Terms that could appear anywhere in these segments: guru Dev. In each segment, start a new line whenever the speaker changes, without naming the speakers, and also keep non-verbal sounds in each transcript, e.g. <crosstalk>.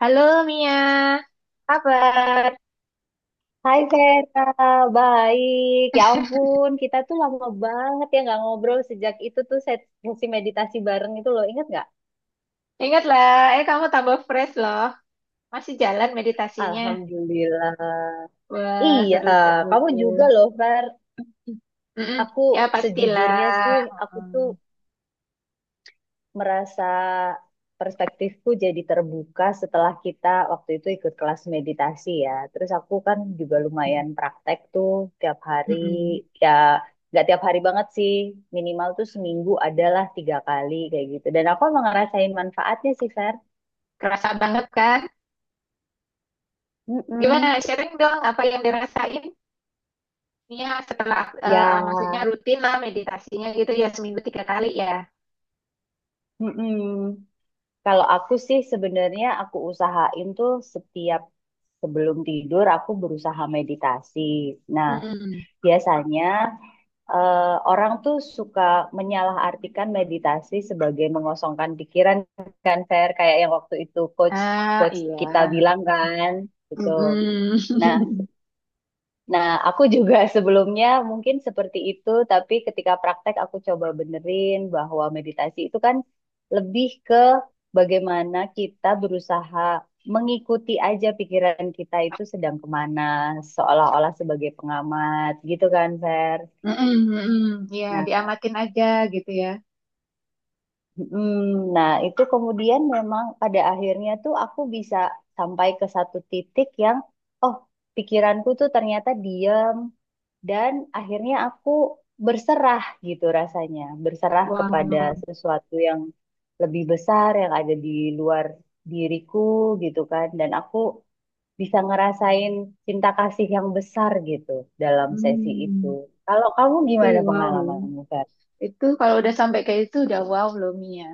Halo Mia, kabar?
Hai Vera, baik. Ya ampun, kita tuh lama banget ya nggak ngobrol sejak itu tuh sesi meditasi bareng itu loh, ingat nggak?
Ingatlah, kamu tambah fresh loh. Masih jalan meditasinya.
Alhamdulillah.
Wah,
Iya,
seru-seru.
kamu juga loh Ver.
Mm-mm.
Aku
Ya pastilah.
sejujurnya sih, aku tuh
Mm-mm.
merasa perspektifku jadi terbuka setelah kita waktu itu ikut kelas meditasi ya. Terus aku kan juga lumayan praktek tuh tiap hari,
Mm-mm.
ya nggak tiap hari banget sih, minimal tuh seminggu adalah 3 kali kayak gitu. Dan aku emang ngerasain manfaatnya sih, Fer.
Kerasa banget kan?
Mm-mm.
Gimana? Sharing dong apa yang dirasain Mia setelah,
Ya,
maksudnya rutin lah meditasinya gitu ya seminggu tiga kali ya.
mm-mm. Kalau aku sih sebenarnya aku usahain tuh setiap sebelum tidur aku berusaha meditasi. Nah,
Mm-mm.
biasanya eh, orang tuh suka menyalahartikan meditasi sebagai mengosongkan pikiran kan Fer kayak yang waktu itu coach
Ah,
coach
iya.
kita bilang kan gitu.
Mm-mm.
Nah,
<laughs>
nah, aku juga <laughs> sebelumnya mungkin seperti itu tapi ketika praktek aku coba benerin bahwa meditasi itu kan lebih ke bagaimana kita berusaha mengikuti aja pikiran kita itu sedang kemana, seolah-olah sebagai pengamat gitu kan Fer.
Mm-mm, mm-mm. Ya,
Nah,
diamatin aja gitu ya.
Mm, Nah, itu kemudian memang pada akhirnya tuh aku bisa sampai ke satu titik yang, oh, pikiranku tuh ternyata diam dan akhirnya aku berserah gitu rasanya, berserah
Wah.
kepada sesuatu yang lebih besar yang ada di luar diriku gitu kan, dan aku bisa ngerasain cinta kasih yang besar gitu dalam sesi itu.
Hmm,
Kalau kamu
itu
gimana
wow loh.
pengalamanmu, Fer?
Itu kalau udah sampai kayak itu udah wow loh Mia.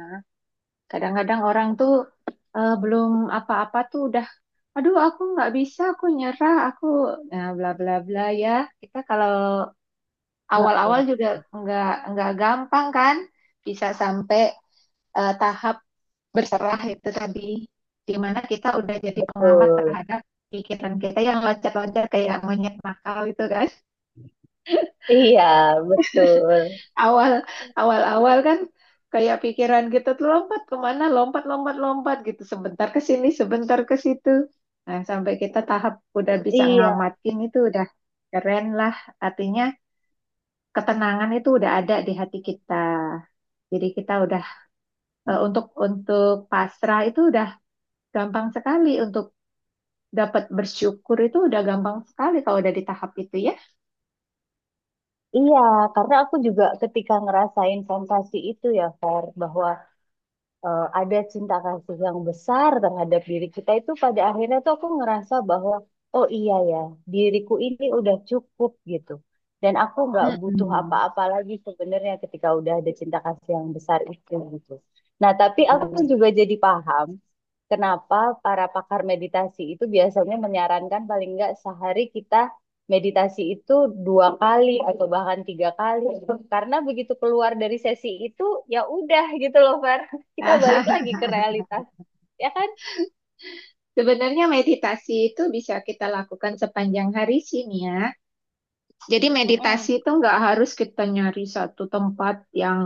Kadang-kadang orang tuh belum apa-apa tuh udah, aduh aku nggak bisa, aku nyerah, aku nah bla bla bla ya. Kita kalau awal-awal
Heeh,
juga nggak nggak gampang kan, bisa sampai tahap berserah itu tadi, di mana kita udah jadi pengamat
betul.
terhadap pikiran kita yang loncat-loncat kayak monyet nakal itu kan.
Iya, betul.
Awal awal awal kan kayak pikiran kita tuh lompat kemana lompat lompat lompat gitu sebentar ke sini sebentar ke situ nah sampai kita tahap udah bisa
Iya,
ngamatin itu udah keren lah artinya ketenangan itu udah ada di hati kita jadi kita udah untuk pasrah itu udah gampang sekali untuk dapat bersyukur itu udah gampang sekali kalau udah di tahap itu ya.
iya, karena aku juga ketika ngerasain sensasi itu ya, Fer, bahwa ada cinta kasih yang besar terhadap diri kita itu pada akhirnya tuh aku ngerasa bahwa oh iya ya diriku ini udah cukup gitu dan aku nggak butuh
Mm-mm.
apa-apa lagi sebenarnya ketika udah ada cinta kasih yang besar itu gitu. Nah tapi aku
Iya.
juga jadi paham kenapa para pakar meditasi itu biasanya menyarankan paling nggak sehari kita meditasi itu 2 kali atau bahkan 3 kali karena begitu keluar dari sesi itu ya udah gitu loh Fer
<laughs>
kita balik
Aha,
lagi ke realitas ya kan.
sebenarnya meditasi itu bisa kita lakukan sepanjang hari sih Mia. Jadi meditasi
Mm-mm.
itu nggak harus kita nyari satu tempat yang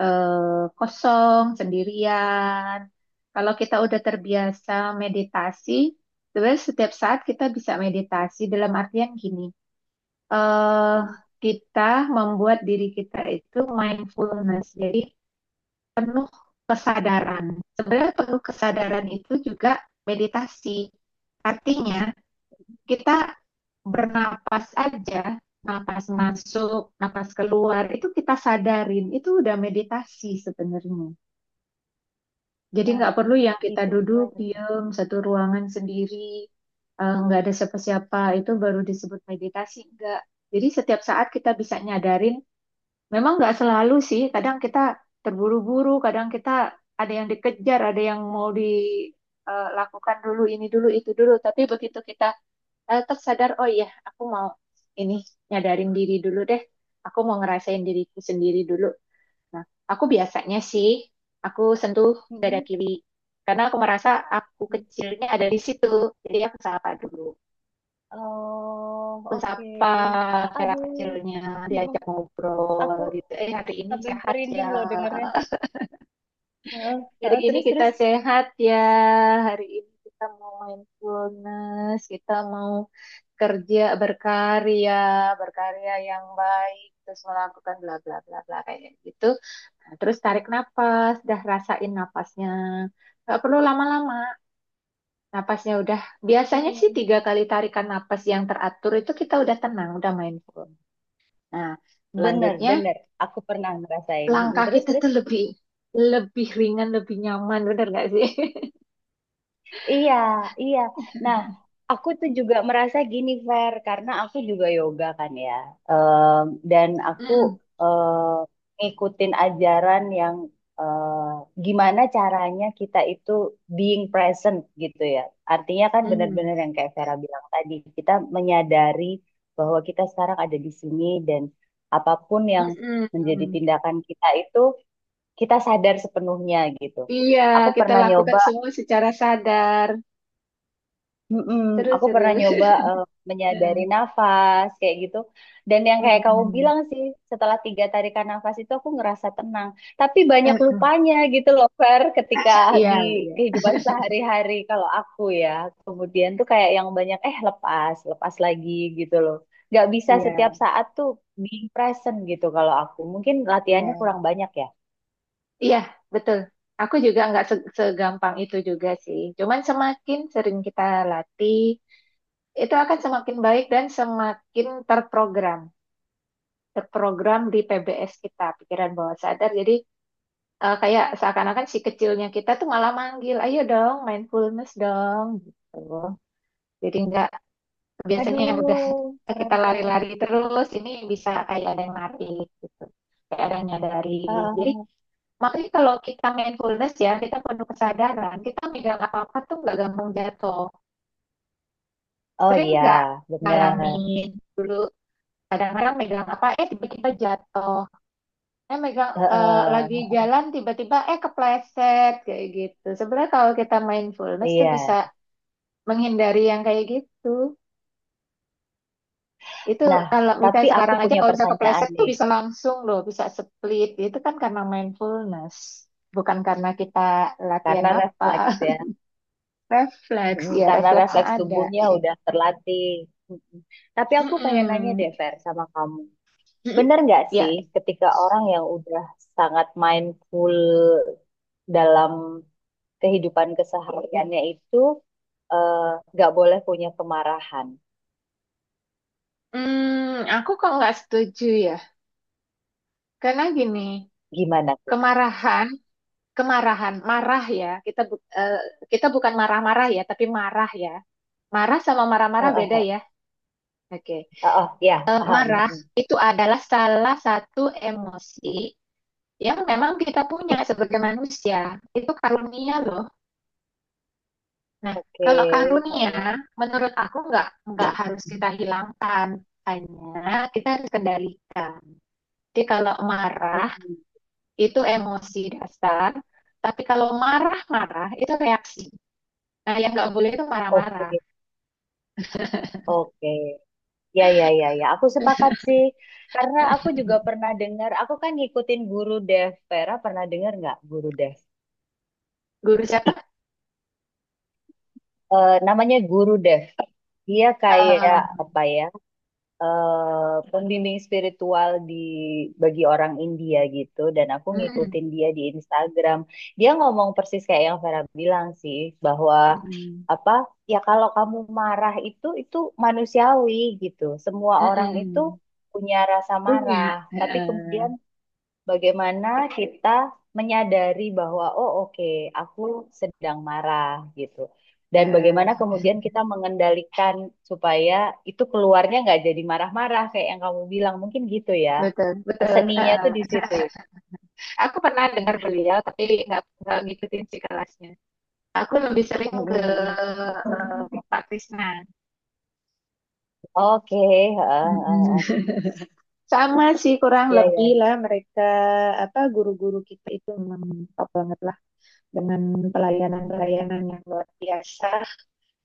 kosong, sendirian. Kalau kita udah terbiasa meditasi, sebenarnya setiap saat kita bisa meditasi dalam artian gini. eh
Mm-mm.
kita membuat diri kita itu mindfulness, jadi penuh kesadaran. Sebenarnya penuh kesadaran itu juga meditasi. Artinya, kita bernapas aja, napas masuk, napas keluar, itu kita sadarin, itu udah meditasi sebenarnya. Jadi
Nah,
nggak perlu yang kita
itu
duduk
berarti.
diem satu ruangan sendiri, nggak ada siapa-siapa, itu baru disebut meditasi, nggak. Jadi setiap saat kita bisa nyadarin, memang nggak selalu sih, kadang kita terburu-buru, kadang kita ada yang dikejar, ada yang mau dilakukan dulu, ini dulu, itu dulu, tapi begitu kita tersadar oh iya aku mau ini nyadarin diri dulu deh aku mau ngerasain diriku sendiri dulu nah aku biasanya sih aku sentuh dada
Mm-mm.
kiri karena aku merasa aku kecilnya ada di situ jadi aku sapa dulu
Oh
aku
oke,
sapa Vera
aduh
kecilnya diajak
aku
ngobrol gitu eh hari ini
sampai
sehat ya.
merinding loh dengernya. Heeh,
Hari
heeh,
ini
terus,
kita
terus.
sehat ya. Hari ini kita mau mindfulness, kita mau kerja berkarya, berkarya yang baik, terus melakukan bla bla bla bla kayak gitu. Nah, terus tarik napas, dah rasain napasnya. Gak perlu lama-lama. Napasnya udah biasanya sih
Oh.
tiga kali tarikan napas yang teratur itu kita udah tenang, udah mindful. Nah,
Bener,
selanjutnya
bener. Aku pernah ngerasain.
langkah
Terus,
kita
terus.
tuh lebih lebih ringan, lebih nyaman, bener gak sih? <laughs>
Iya, iya. Nah, aku tuh juga merasa gini, Fer, karena aku juga yoga kan ya. Em, dan aku
Mm-mm.
ngikutin ajaran yang gimana caranya kita itu being present gitu ya. Artinya kan
Mhm.
benar-benar yang kayak Vera bilang tadi, kita menyadari bahwa kita sekarang ada di sini dan apapun yang menjadi
Mhm.
tindakan kita itu kita sadar sepenuhnya gitu.
Iya,
Aku
kita
pernah
lakukan
nyoba
semua secara sadar.
Mm-mm.
Terus,
Aku pernah
terus.
nyoba
<laughs> Heeh.
menyadari nafas kayak gitu. Dan yang kayak kamu
Mhm.
bilang sih, setelah 3 tarikan nafas itu aku ngerasa tenang. Tapi banyak
Heeh.
lupanya gitu loh, Fer, ketika
Iya,
di
iya,
kehidupan sehari-hari kalau aku ya. Kemudian tuh kayak yang banyak, lepas, lepas lagi gitu loh. Gak bisa
iya,
setiap saat tuh being present gitu kalau aku. Mungkin latihannya
iya,
kurang banyak ya.
iya, betul. Aku juga nggak segampang itu juga sih. Cuman semakin sering kita latih, itu akan semakin baik dan semakin terprogram, terprogram di PBS kita, pikiran bawah sadar. Jadi kayak seakan-akan si kecilnya kita tuh malah manggil, ayo dong, mindfulness dong, gitu. Jadi nggak biasanya yang udah
Aduh, keren
kita
banget.
lari-lari terus ini bisa kayak ada yang narik gitu, kayak ada yang nyadarin. Jadi
Ah,
makanya kalau kita mindfulness ya kita penuh kesadaran, kita megang apa-apa tuh nggak gampang jatuh.
oh
Sering
iya,
nggak
bener.
ngalamin kadang-kadang megang apa tiba-tiba jatuh megang
Heeh,
lagi jalan tiba-tiba kepleset kayak gitu sebenarnya kalau kita mindfulness tuh
iya.
bisa menghindari yang kayak gitu. Itu
Nah,
kalau
tapi
misalnya
aku
sekarang aja
punya
kalau bisa
pertanyaan
kepleset tuh
nih,
bisa langsung loh, bisa split. Itu kan karena mindfulness, bukan karena kita latihan
karena
apa.
refleks ya,
<laughs> Refleks,
mm-mm,
ya
karena
refleksnya
refleks
ada.
tubuhnya udah terlatih. Mm-mm. Tapi aku pengen nanya
Mm-mm.
deh, Fer, sama kamu.
Mm-mm.
Bener nggak sih
Ya,
ketika orang yang udah sangat mindful dalam kehidupan kesehariannya itu eh, nggak boleh punya kemarahan?
hmm, aku kok nggak setuju ya. Karena gini,
Gimana tuh?
kemarahan, kemarahan, marah ya. Kita bukan marah-marah ya, tapi marah ya. Marah sama marah-marah
Heeh,
beda
heeh.
ya. Oke.
Oh, ya,
Eh,
paham.
marah
Mm-mm.
itu adalah salah satu emosi yang memang kita punya sebagai manusia itu karunia loh. Nah,
Oke.
kalau karunia
Heeh.
menurut aku nggak harus kita hilangkan, hanya kita harus kendalikan. Jadi kalau marah
Hmm,
itu emosi dasar, tapi kalau marah-marah itu reaksi. Nah, yang nggak boleh itu marah-marah.
oke, oke. Ya, ya, ya, ya. Aku sepakat sih. Karena aku
<laughs>
juga pernah dengar, aku kan ngikutin guru Dev. Vera pernah dengar nggak guru Dev?
Guru siapa?
Eh, namanya guru Dev. Dia kayak
Eh,
apa ya? Eh pembimbing spiritual di bagi orang India gitu. Dan aku
mm,
ngikutin dia di Instagram. Dia ngomong persis kayak yang Vera bilang sih, bahwa
mm,
apa? Ya kalau kamu marah itu manusiawi gitu. Semua
mm,
orang itu
mm.
punya rasa
punya
marah,
eh,
tapi
eh,
kemudian bagaimana kita menyadari bahwa oh oke aku sedang marah gitu dan bagaimana
eh,
kemudian kita mengendalikan supaya itu keluarnya nggak jadi marah-marah kayak yang kamu bilang mungkin gitu ya,
Betul, betul.
seninya tuh
Eh.
di situ ya.
Aku pernah dengar beliau, tapi nggak ngikutin si kelasnya. Aku lebih sering
Mm,
ke
mm, mm.
Pak Krisna.
Oke, heeh, heeh.
Mm-mm. Sama sih kurang
Iya, iya.
lebih lah
Iya,
mereka apa guru-guru kita itu memang top banget lah dengan pelayanan-pelayanan yang luar biasa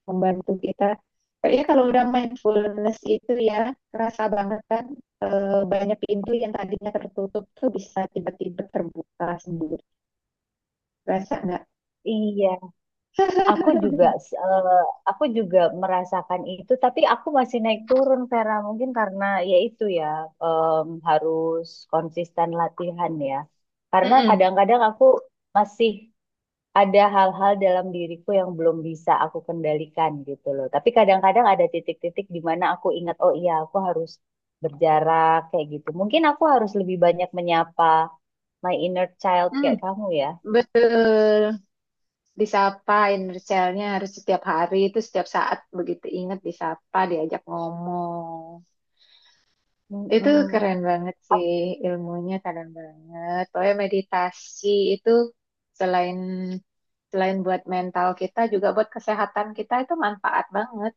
membantu kita. Kayaknya kalau udah mindfulness itu ya kerasa banget kan banyak pintu yang tadinya tertutup tuh bisa tiba-tiba terbuka sendiri. Kerasa nggak?
iya. Aku juga eh, aku juga merasakan itu tapi aku masih naik turun Vera mungkin karena ya itu ya, harus konsisten latihan ya karena
Mm-mm.
kadang-kadang aku masih ada hal-hal dalam diriku yang belum bisa aku kendalikan gitu loh tapi kadang-kadang ada titik-titik di mana aku ingat oh iya aku harus berjarak kayak gitu mungkin aku harus lebih banyak menyapa my inner child
Hmm,
kayak kamu ya.
betul. Disapain Richelnya harus setiap hari itu setiap saat begitu ingat disapa diajak ngomong itu
Mm.
keren banget sih ilmunya keren banget pokoknya meditasi itu selain selain buat mental kita juga buat kesehatan kita itu manfaat banget.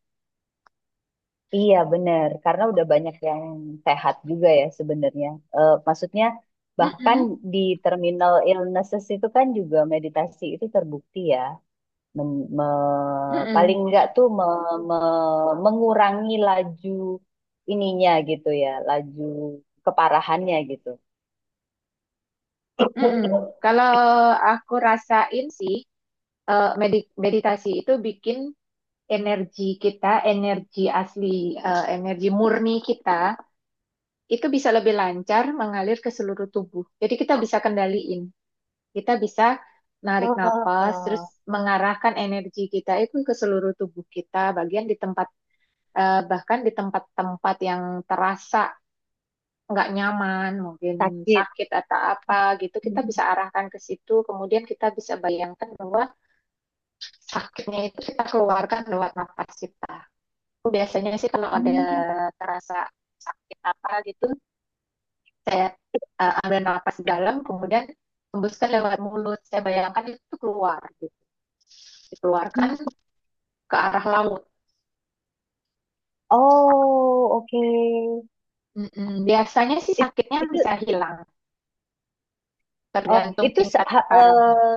Iya benar, karena udah banyak yang sehat juga ya sebenarnya. Eh, maksudnya bahkan
Mm-mm,
di terminal illnesses itu kan juga meditasi itu terbukti ya, paling
mm-mm,
enggak tuh mengurangi laju ininya gitu ya, laju keparahannya gitu.
mm-mm. kalau aku rasain sih meditasi itu bikin energi kita, energi asli, energi murni kita, itu bisa lebih lancar mengalir ke seluruh tubuh. Jadi kita bisa kendaliin, kita bisa narik nafas, terus
Oh,
mengarahkan energi kita itu ke seluruh tubuh kita, bagian di tempat, bahkan di tempat-tempat yang terasa nggak nyaman, mungkin
sakit.
sakit atau apa gitu, kita bisa arahkan ke situ, kemudian kita bisa bayangkan bahwa sakitnya itu kita keluarkan lewat nafas kita. Biasanya sih kalau ada
Hmm.
terasa sakit apa gitu, saya ambil nafas dalam, kemudian hembuskan lewat mulut. Saya bayangkan itu keluar, gitu. Dikeluarkan ke arah laut.
Oh, oke.
Mm-mm. Biasanya sih
It-
sakitnya
Itu,
bisa hilang,
oh,
tergantung
itu
tingkat
se- ha-
keparahan.
eh,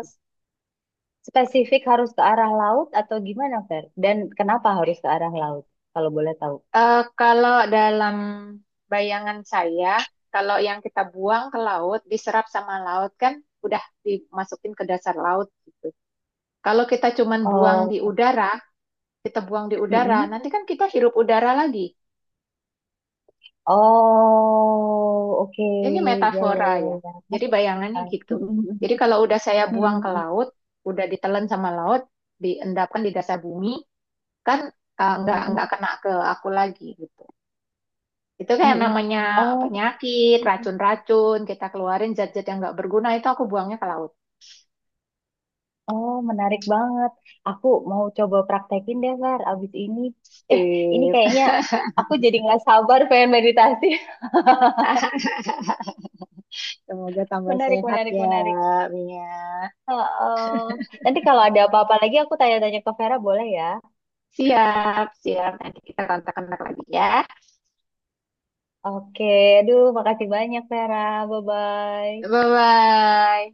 spesifik harus ke arah laut atau gimana, Fer? Dan kenapa harus ke arah laut? Kalau boleh tahu.
Eh, kalau dalam bayangan saya, kalau yang kita buang ke laut, diserap sama laut kan udah dimasukin ke dasar laut gitu. Kalau kita cuman buang di
Oh,
udara, kita buang di udara,
mm-mm.
nanti kan kita hirup udara lagi.
Oh, oke.
Ya, ini
Ya, ya,
metafora
ya,
ya.
ya.
Jadi
Masuk
bayangannya
akal.
gitu.
Mm-mm.
Jadi kalau udah saya buang ke
Mm-mm.
laut, udah ditelan sama laut, diendapkan di dasar bumi, kan nggak
Mm-mm.
kena ke aku lagi gitu. Itu kayak
Mm-mm.
namanya
Oh,
penyakit, racun-racun, kita keluarin zat-zat yang nggak berguna itu aku buangnya ke laut.
oh, menarik banget. Aku mau coba praktekin deh, Fer, abis ini. Eh, ini
Sip.
kayaknya aku jadi nggak sabar pengen meditasi.
<laughs> Semoga
<laughs>
tambah
Menarik,
sehat
menarik,
ya,
menarik.
Mia.
Heeh. Nanti kalau ada apa-apa lagi aku tanya-tanya ke Vera boleh ya?
Siap, siap. Nanti kita kontak-kontak lagi ya.
Oke, aduh, makasih banyak, Vera. Bye-bye.
Bye-bye.